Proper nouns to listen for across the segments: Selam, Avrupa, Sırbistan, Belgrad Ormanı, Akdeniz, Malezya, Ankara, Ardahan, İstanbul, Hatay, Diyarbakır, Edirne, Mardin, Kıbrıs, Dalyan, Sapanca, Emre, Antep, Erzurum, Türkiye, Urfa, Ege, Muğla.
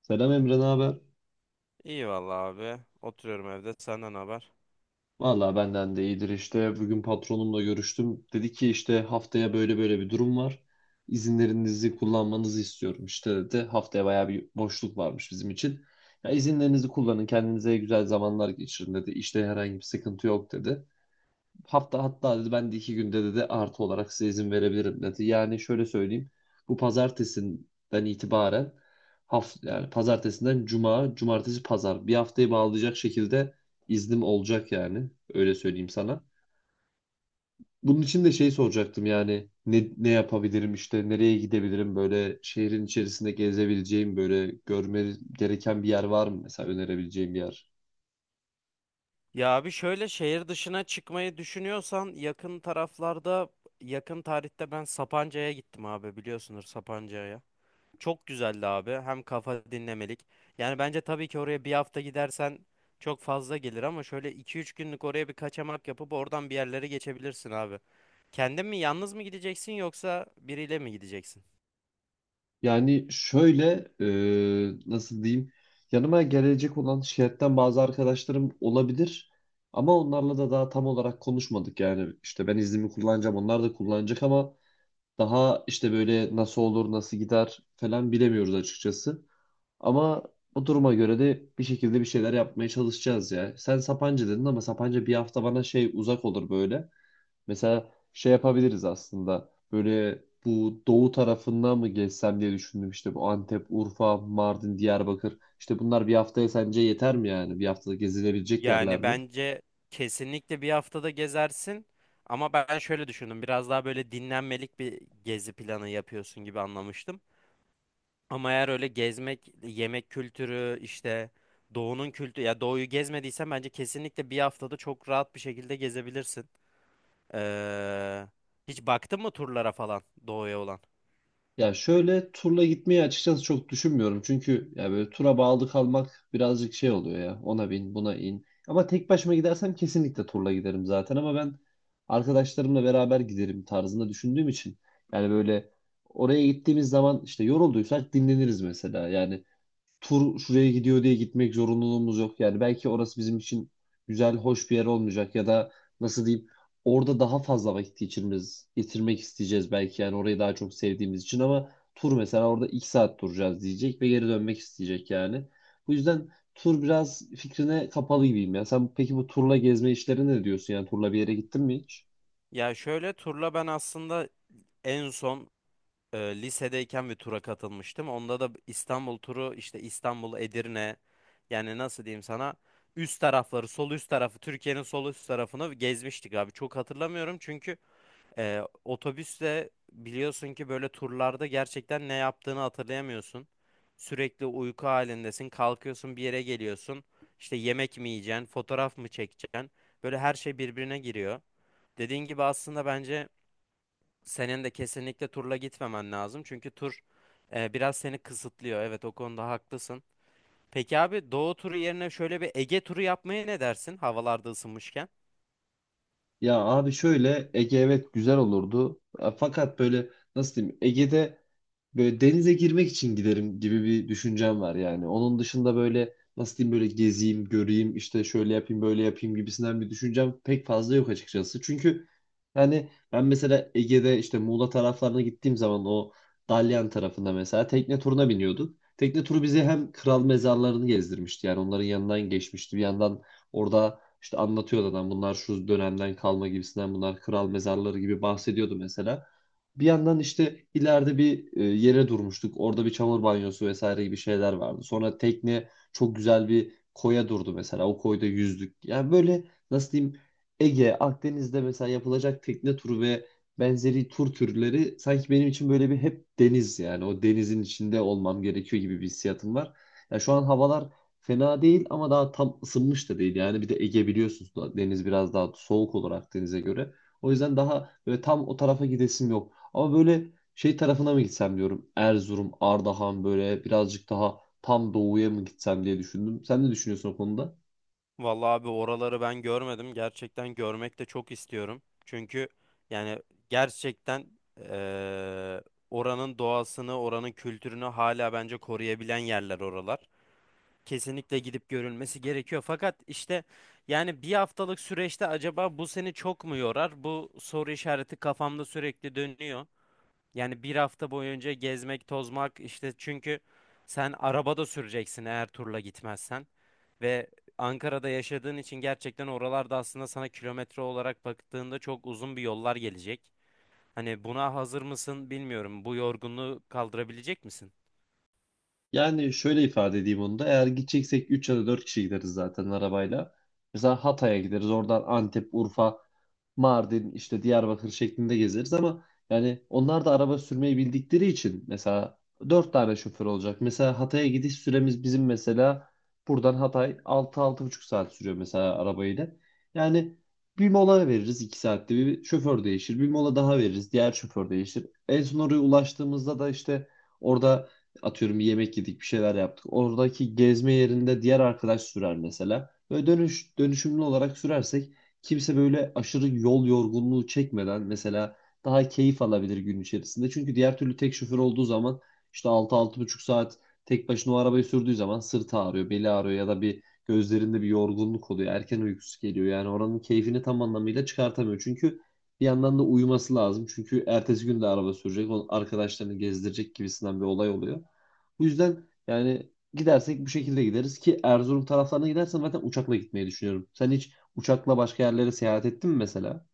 Selam Emre, ne haber? İyi vallahi abi. Oturuyorum evde. Senden haber? Vallahi benden de iyidir işte. Bugün patronumla görüştüm. Dedi ki işte haftaya böyle böyle bir durum var. İzinlerinizi kullanmanızı istiyorum işte dedi. Haftaya bayağı bir boşluk varmış bizim için. Ya izinlerinizi kullanın, kendinize güzel zamanlar geçirin dedi. İşte herhangi bir sıkıntı yok dedi. Hafta hatta dedi ben de 2 günde dedi artı olarak size izin verebilirim dedi. Yani şöyle söyleyeyim. Bu pazartesinden itibaren hafta yani pazartesinden cuma, cumartesi pazar bir haftayı bağlayacak şekilde iznim olacak yani. Öyle söyleyeyim sana. Bunun için de şey soracaktım yani ne yapabilirim işte nereye gidebilirim böyle şehrin içerisinde gezebileceğim böyle görme gereken bir yer var mı mesela önerebileceğim bir yer? Ya abi şöyle şehir dışına çıkmayı düşünüyorsan yakın taraflarda yakın tarihte ben Sapanca'ya gittim abi biliyorsunuz Sapanca'ya. Çok güzeldi abi. Hem kafa dinlemelik. Yani bence tabii ki oraya bir hafta gidersen çok fazla gelir ama şöyle iki üç günlük oraya bir kaçamak yapıp oradan bir yerlere geçebilirsin abi. Kendin mi yalnız mı gideceksin yoksa biriyle mi gideceksin? Yani şöyle nasıl diyeyim yanıma gelecek olan şirketten bazı arkadaşlarım olabilir ama onlarla da daha tam olarak konuşmadık yani işte ben iznimi kullanacağım onlar da kullanacak ama daha işte böyle nasıl olur nasıl gider falan bilemiyoruz açıkçası ama o duruma göre de bir şekilde bir şeyler yapmaya çalışacağız ya. Sen Sapanca dedin ama Sapanca bir hafta bana şey uzak olur böyle. Mesela şey yapabiliriz aslında. Böyle bu doğu tarafından mı gezsem diye düşündüm. İşte bu Antep, Urfa, Mardin, Diyarbakır. İşte bunlar bir haftaya sence yeter mi yani? Bir haftada gezilebilecek yerler Yani mi? bence kesinlikle bir haftada gezersin. Ama ben şöyle düşündüm. Biraz daha böyle dinlenmelik bir gezi planı yapıyorsun gibi anlamıştım. Ama eğer öyle gezmek, yemek kültürü, işte doğunun kültürü, ya doğuyu gezmediysen bence kesinlikle bir haftada çok rahat bir şekilde gezebilirsin. Ee, Hiç baktın mı turlara falan doğuya olan? Ya şöyle turla gitmeyi açıkçası çok düşünmüyorum. Çünkü ya böyle tura bağlı kalmak birazcık şey oluyor ya. Ona bin, buna in. Ama tek başıma gidersem kesinlikle turla giderim zaten ama ben arkadaşlarımla beraber giderim tarzında düşündüğüm için yani böyle oraya gittiğimiz zaman işte yorulduysak dinleniriz mesela. Yani tur şuraya gidiyor diye gitmek zorunluluğumuz yok. Yani belki orası bizim için güzel, hoş bir yer olmayacak ya da nasıl diyeyim orada daha fazla vakit geçirmemiz, getirmek isteyeceğiz belki yani orayı daha çok sevdiğimiz için ama tur mesela orada 2 saat duracağız diyecek ve geri dönmek isteyecek yani. Bu yüzden tur biraz fikrine kapalı gibiyim ya. Sen peki bu turla gezme işlerine ne diyorsun yani turla bir yere gittin mi hiç? Ya şöyle turla ben aslında en son lisedeyken bir tura katılmıştım. Onda da İstanbul turu işte İstanbul, Edirne yani nasıl diyeyim sana üst tarafları sol üst tarafı Türkiye'nin sol üst tarafını gezmiştik abi. Çok hatırlamıyorum çünkü otobüsle biliyorsun ki böyle turlarda gerçekten ne yaptığını hatırlayamıyorsun. Sürekli uyku halindesin. Kalkıyorsun bir yere geliyorsun. İşte yemek mi yiyeceksin, fotoğraf mı çekeceksin? Böyle her şey birbirine giriyor. Dediğin gibi aslında bence senin de kesinlikle turla gitmemen lazım. Çünkü tur biraz seni kısıtlıyor. Evet, o konuda haklısın. Peki abi Doğu turu yerine şöyle bir Ege turu yapmaya ne dersin? Havalarda ısınmışken. Ya abi şöyle Ege evet güzel olurdu. Fakat böyle nasıl diyeyim Ege'de böyle denize girmek için giderim gibi bir düşüncem var yani. Onun dışında böyle nasıl diyeyim böyle gezeyim, göreyim, işte şöyle yapayım, böyle yapayım gibisinden bir düşüncem pek fazla yok açıkçası. Çünkü yani ben mesela Ege'de işte Muğla taraflarına gittiğim zaman o Dalyan tarafında mesela tekne turuna biniyorduk. Tekne turu bizi hem kral mezarlarını gezdirmişti yani onların yanından geçmişti. Bir yandan orada işte anlatıyordu adam bunlar şu dönemden kalma gibisinden bunlar kral mezarları gibi bahsediyordu mesela. Bir yandan işte ileride bir yere durmuştuk. Orada bir çamur banyosu vesaire gibi şeyler vardı. Sonra tekne çok güzel bir koya durdu mesela. O koyda yüzdük. Yani böyle nasıl diyeyim Ege, Akdeniz'de mesela yapılacak tekne turu ve benzeri tur türleri sanki benim için böyle bir hep deniz yani o denizin içinde olmam gerekiyor gibi bir hissiyatım var. Ya şu an havalar fena değil ama daha tam ısınmış da değil. Yani bir de Ege biliyorsunuz da deniz biraz daha soğuk olur Akdeniz'e göre. O yüzden daha böyle tam o tarafa gidesim yok. Ama böyle şey tarafına mı gitsem diyorum. Erzurum, Ardahan böyle birazcık daha tam doğuya mı gitsem diye düşündüm. Sen ne düşünüyorsun o konuda? Vallahi abi oraları ben görmedim. Gerçekten görmek de çok istiyorum. Çünkü yani gerçekten e, oranın doğasını, oranın kültürünü hala bence koruyabilen yerler oralar. Kesinlikle gidip görülmesi gerekiyor. Fakat işte yani bir haftalık süreçte acaba bu seni çok mu yorar? Bu soru işareti kafamda sürekli dönüyor. Yani bir hafta boyunca gezmek, tozmak işte çünkü sen arabada süreceksin eğer turla gitmezsen. Ve Ankara'da yaşadığın için gerçekten oralarda aslında sana kilometre olarak baktığında çok uzun bir yollar gelecek. Hani buna hazır mısın bilmiyorum. Bu yorgunluğu kaldırabilecek misin? Yani şöyle ifade edeyim onu da. Eğer gideceksek 3 ya da 4 kişi gideriz zaten arabayla. Mesela Hatay'a gideriz. Oradan Antep, Urfa, Mardin, işte Diyarbakır şeklinde gezeriz ama yani onlar da araba sürmeyi bildikleri için mesela dört tane şoför olacak. Mesela Hatay'a gidiş süremiz bizim mesela buradan Hatay 6-6,5 saat sürüyor mesela arabayla. Yani bir mola veririz 2 saatte bir şoför değişir. Bir mola daha veririz diğer şoför değişir. En son oraya ulaştığımızda da işte orada atıyorum bir yemek yedik bir şeyler yaptık. Oradaki gezme yerinde diğer arkadaş sürer mesela. Böyle dönüşümlü olarak sürersek kimse böyle aşırı yol yorgunluğu çekmeden mesela daha keyif alabilir gün içerisinde. Çünkü diğer türlü tek şoför olduğu zaman işte 6-6,5 saat tek başına o arabayı sürdüğü zaman sırtı ağrıyor, beli ağrıyor ya da bir gözlerinde bir yorgunluk oluyor. Erken uykusu geliyor. Yani oranın keyfini tam anlamıyla çıkartamıyor. Çünkü bir yandan da uyuması lazım. Çünkü ertesi gün de araba sürecek. O arkadaşlarını gezdirecek gibisinden bir olay oluyor. Bu yüzden yani gidersek bu şekilde gideriz ki Erzurum taraflarına gidersen zaten uçakla gitmeyi düşünüyorum. Sen hiç uçakla başka yerlere seyahat ettin mi mesela?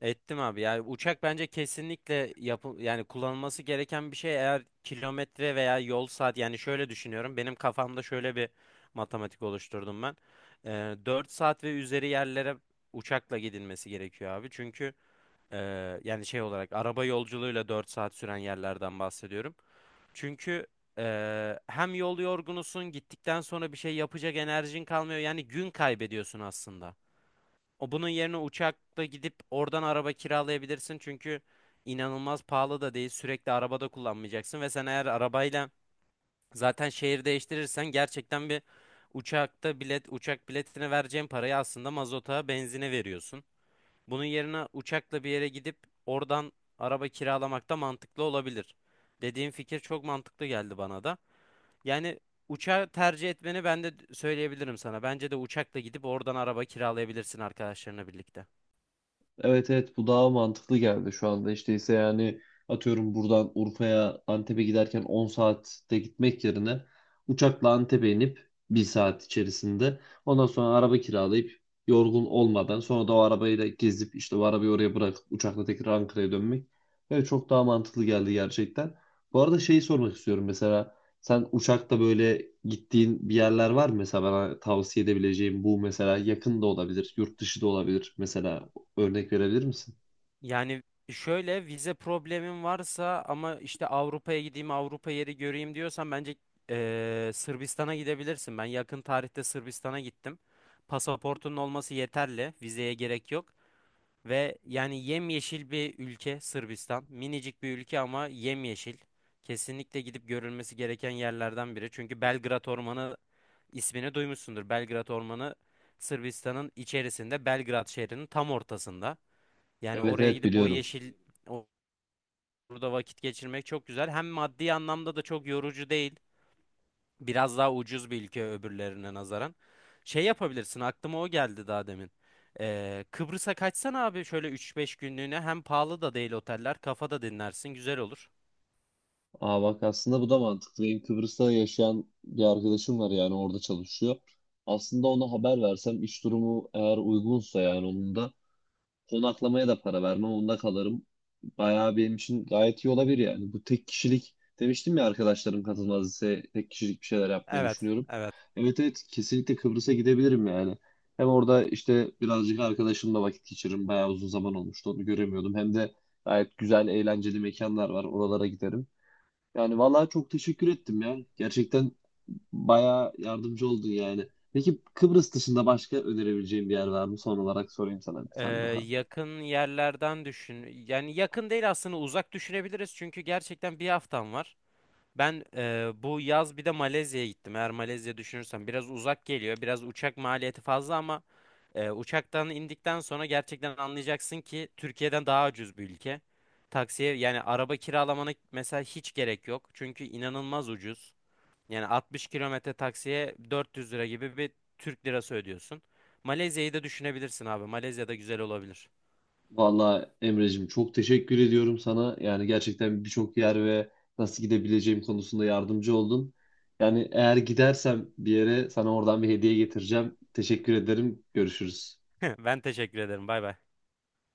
Ettim abi. Yani uçak bence kesinlikle yapı yani kullanılması gereken bir şey eğer kilometre veya yol saat yani şöyle düşünüyorum. Benim kafamda şöyle bir matematik oluşturdum ben. Ee, 4 saat ve üzeri yerlere uçakla gidilmesi gerekiyor abi. Çünkü e, yani şey olarak araba yolculuğuyla 4 saat süren yerlerden bahsediyorum. Çünkü hem yol yorgunusun gittikten sonra bir şey yapacak enerjin kalmıyor. Yani gün kaybediyorsun aslında. O bunun yerine uçakla gidip oradan araba kiralayabilirsin. Çünkü inanılmaz pahalı da değil. Sürekli arabada kullanmayacaksın ve sen eğer arabayla zaten şehir değiştirirsen gerçekten bir uçakta bilet uçak biletine vereceğin parayı aslında mazota, benzine veriyorsun. Bunun yerine uçakla bir yere gidip oradan araba kiralamak da mantıklı olabilir. Dediğim fikir çok mantıklı geldi bana da. Yani uçağı tercih etmeni ben de söyleyebilirim sana. Bence de uçakla gidip oradan araba kiralayabilirsin arkadaşlarına birlikte. Evet, evet, bu daha mantıklı geldi şu anda. İşte ise yani atıyorum buradan Urfa'ya Antep'e giderken 10 saatte gitmek yerine uçakla Antep'e inip bir saat içerisinde ondan sonra araba kiralayıp yorgun olmadan sonra da o arabayla gezip işte o arabayı oraya bırakıp uçakla tekrar Ankara'ya dönmek. Evet, çok daha mantıklı geldi gerçekten. Bu arada şeyi sormak istiyorum mesela sen uçakta böyle gittiğin bir yerler var mı mesela bana tavsiye edebileceğim bu mesela yakın da olabilir yurt dışı da olabilir mesela örnek verebilir misin? Yani şöyle vize problemin varsa ama işte Avrupa'ya gideyim Avrupa yeri göreyim diyorsan bence Sırbistan'a gidebilirsin. Ben yakın tarihte Sırbistan'a gittim. Pasaportunun olması yeterli. Vizeye gerek yok. Ve yani yemyeşil bir ülke Sırbistan. Minicik bir ülke ama yemyeşil. Kesinlikle gidip görülmesi gereken yerlerden biri. Çünkü Belgrad Ormanı ismini duymuşsundur. Belgrad Ormanı Sırbistan'ın içerisinde Belgrad şehrinin tam ortasında. Yani Evet, oraya evet, gidip o biliyorum. yeşil orada vakit geçirmek çok güzel. Hem maddi anlamda da çok yorucu değil. Biraz daha ucuz bir ülke öbürlerine nazaran. Şey yapabilirsin aklıma o geldi daha demin. Kıbrıs'a kaçsan abi şöyle 3-5 günlüğüne hem pahalı da değil oteller kafada dinlersin güzel olur. Aa bak, aslında bu da mantıklı. Benim Kıbrıs'ta yaşayan bir arkadaşım var yani orada çalışıyor. Aslında ona haber versem iş durumu eğer uygunsa yani onun da konaklamaya da para vermem. Onda kalırım. Bayağı benim için gayet iyi olabilir yani. Bu tek kişilik demiştim ya arkadaşlarım katılmaz ise tek kişilik bir şeyler yapmayı Evet, düşünüyorum. evet. Evet, evet, kesinlikle Kıbrıs'a gidebilirim yani. Hem orada işte birazcık arkadaşımla vakit geçiririm. Bayağı uzun zaman olmuştu onu göremiyordum. Hem de gayet güzel eğlenceli mekanlar var. Oralara giderim. Yani vallahi çok teşekkür ettim ya. Gerçekten bayağı yardımcı oldun yani. Peki Kıbrıs dışında başka önerebileceğim bir yer var mı? Son olarak sorayım sana bir Ee, tane daha. Yakın yerlerden düşün. Yani yakın değil aslında uzak düşünebiliriz çünkü gerçekten bir haftan var. Ben bu yaz bir de Malezya'ya gittim. Eğer Malezya düşünürsem biraz uzak geliyor. Biraz uçak maliyeti fazla ama uçaktan indikten sonra gerçekten anlayacaksın ki Türkiye'den daha ucuz bir ülke. Taksiye yani araba kiralamana mesela hiç gerek yok. Çünkü inanılmaz ucuz. Yani 60 kilometre taksiye 400 lira gibi bir Türk lirası ödüyorsun. Malezya'yı da düşünebilirsin abi. Malezya da güzel olabilir. Valla Emre'cim çok teşekkür ediyorum sana. Yani gerçekten birçok yer ve nasıl gidebileceğim konusunda yardımcı oldun. Yani eğer gidersem bir yere sana oradan bir hediye getireceğim. Teşekkür ederim. Görüşürüz. Ben teşekkür ederim. Bay bay.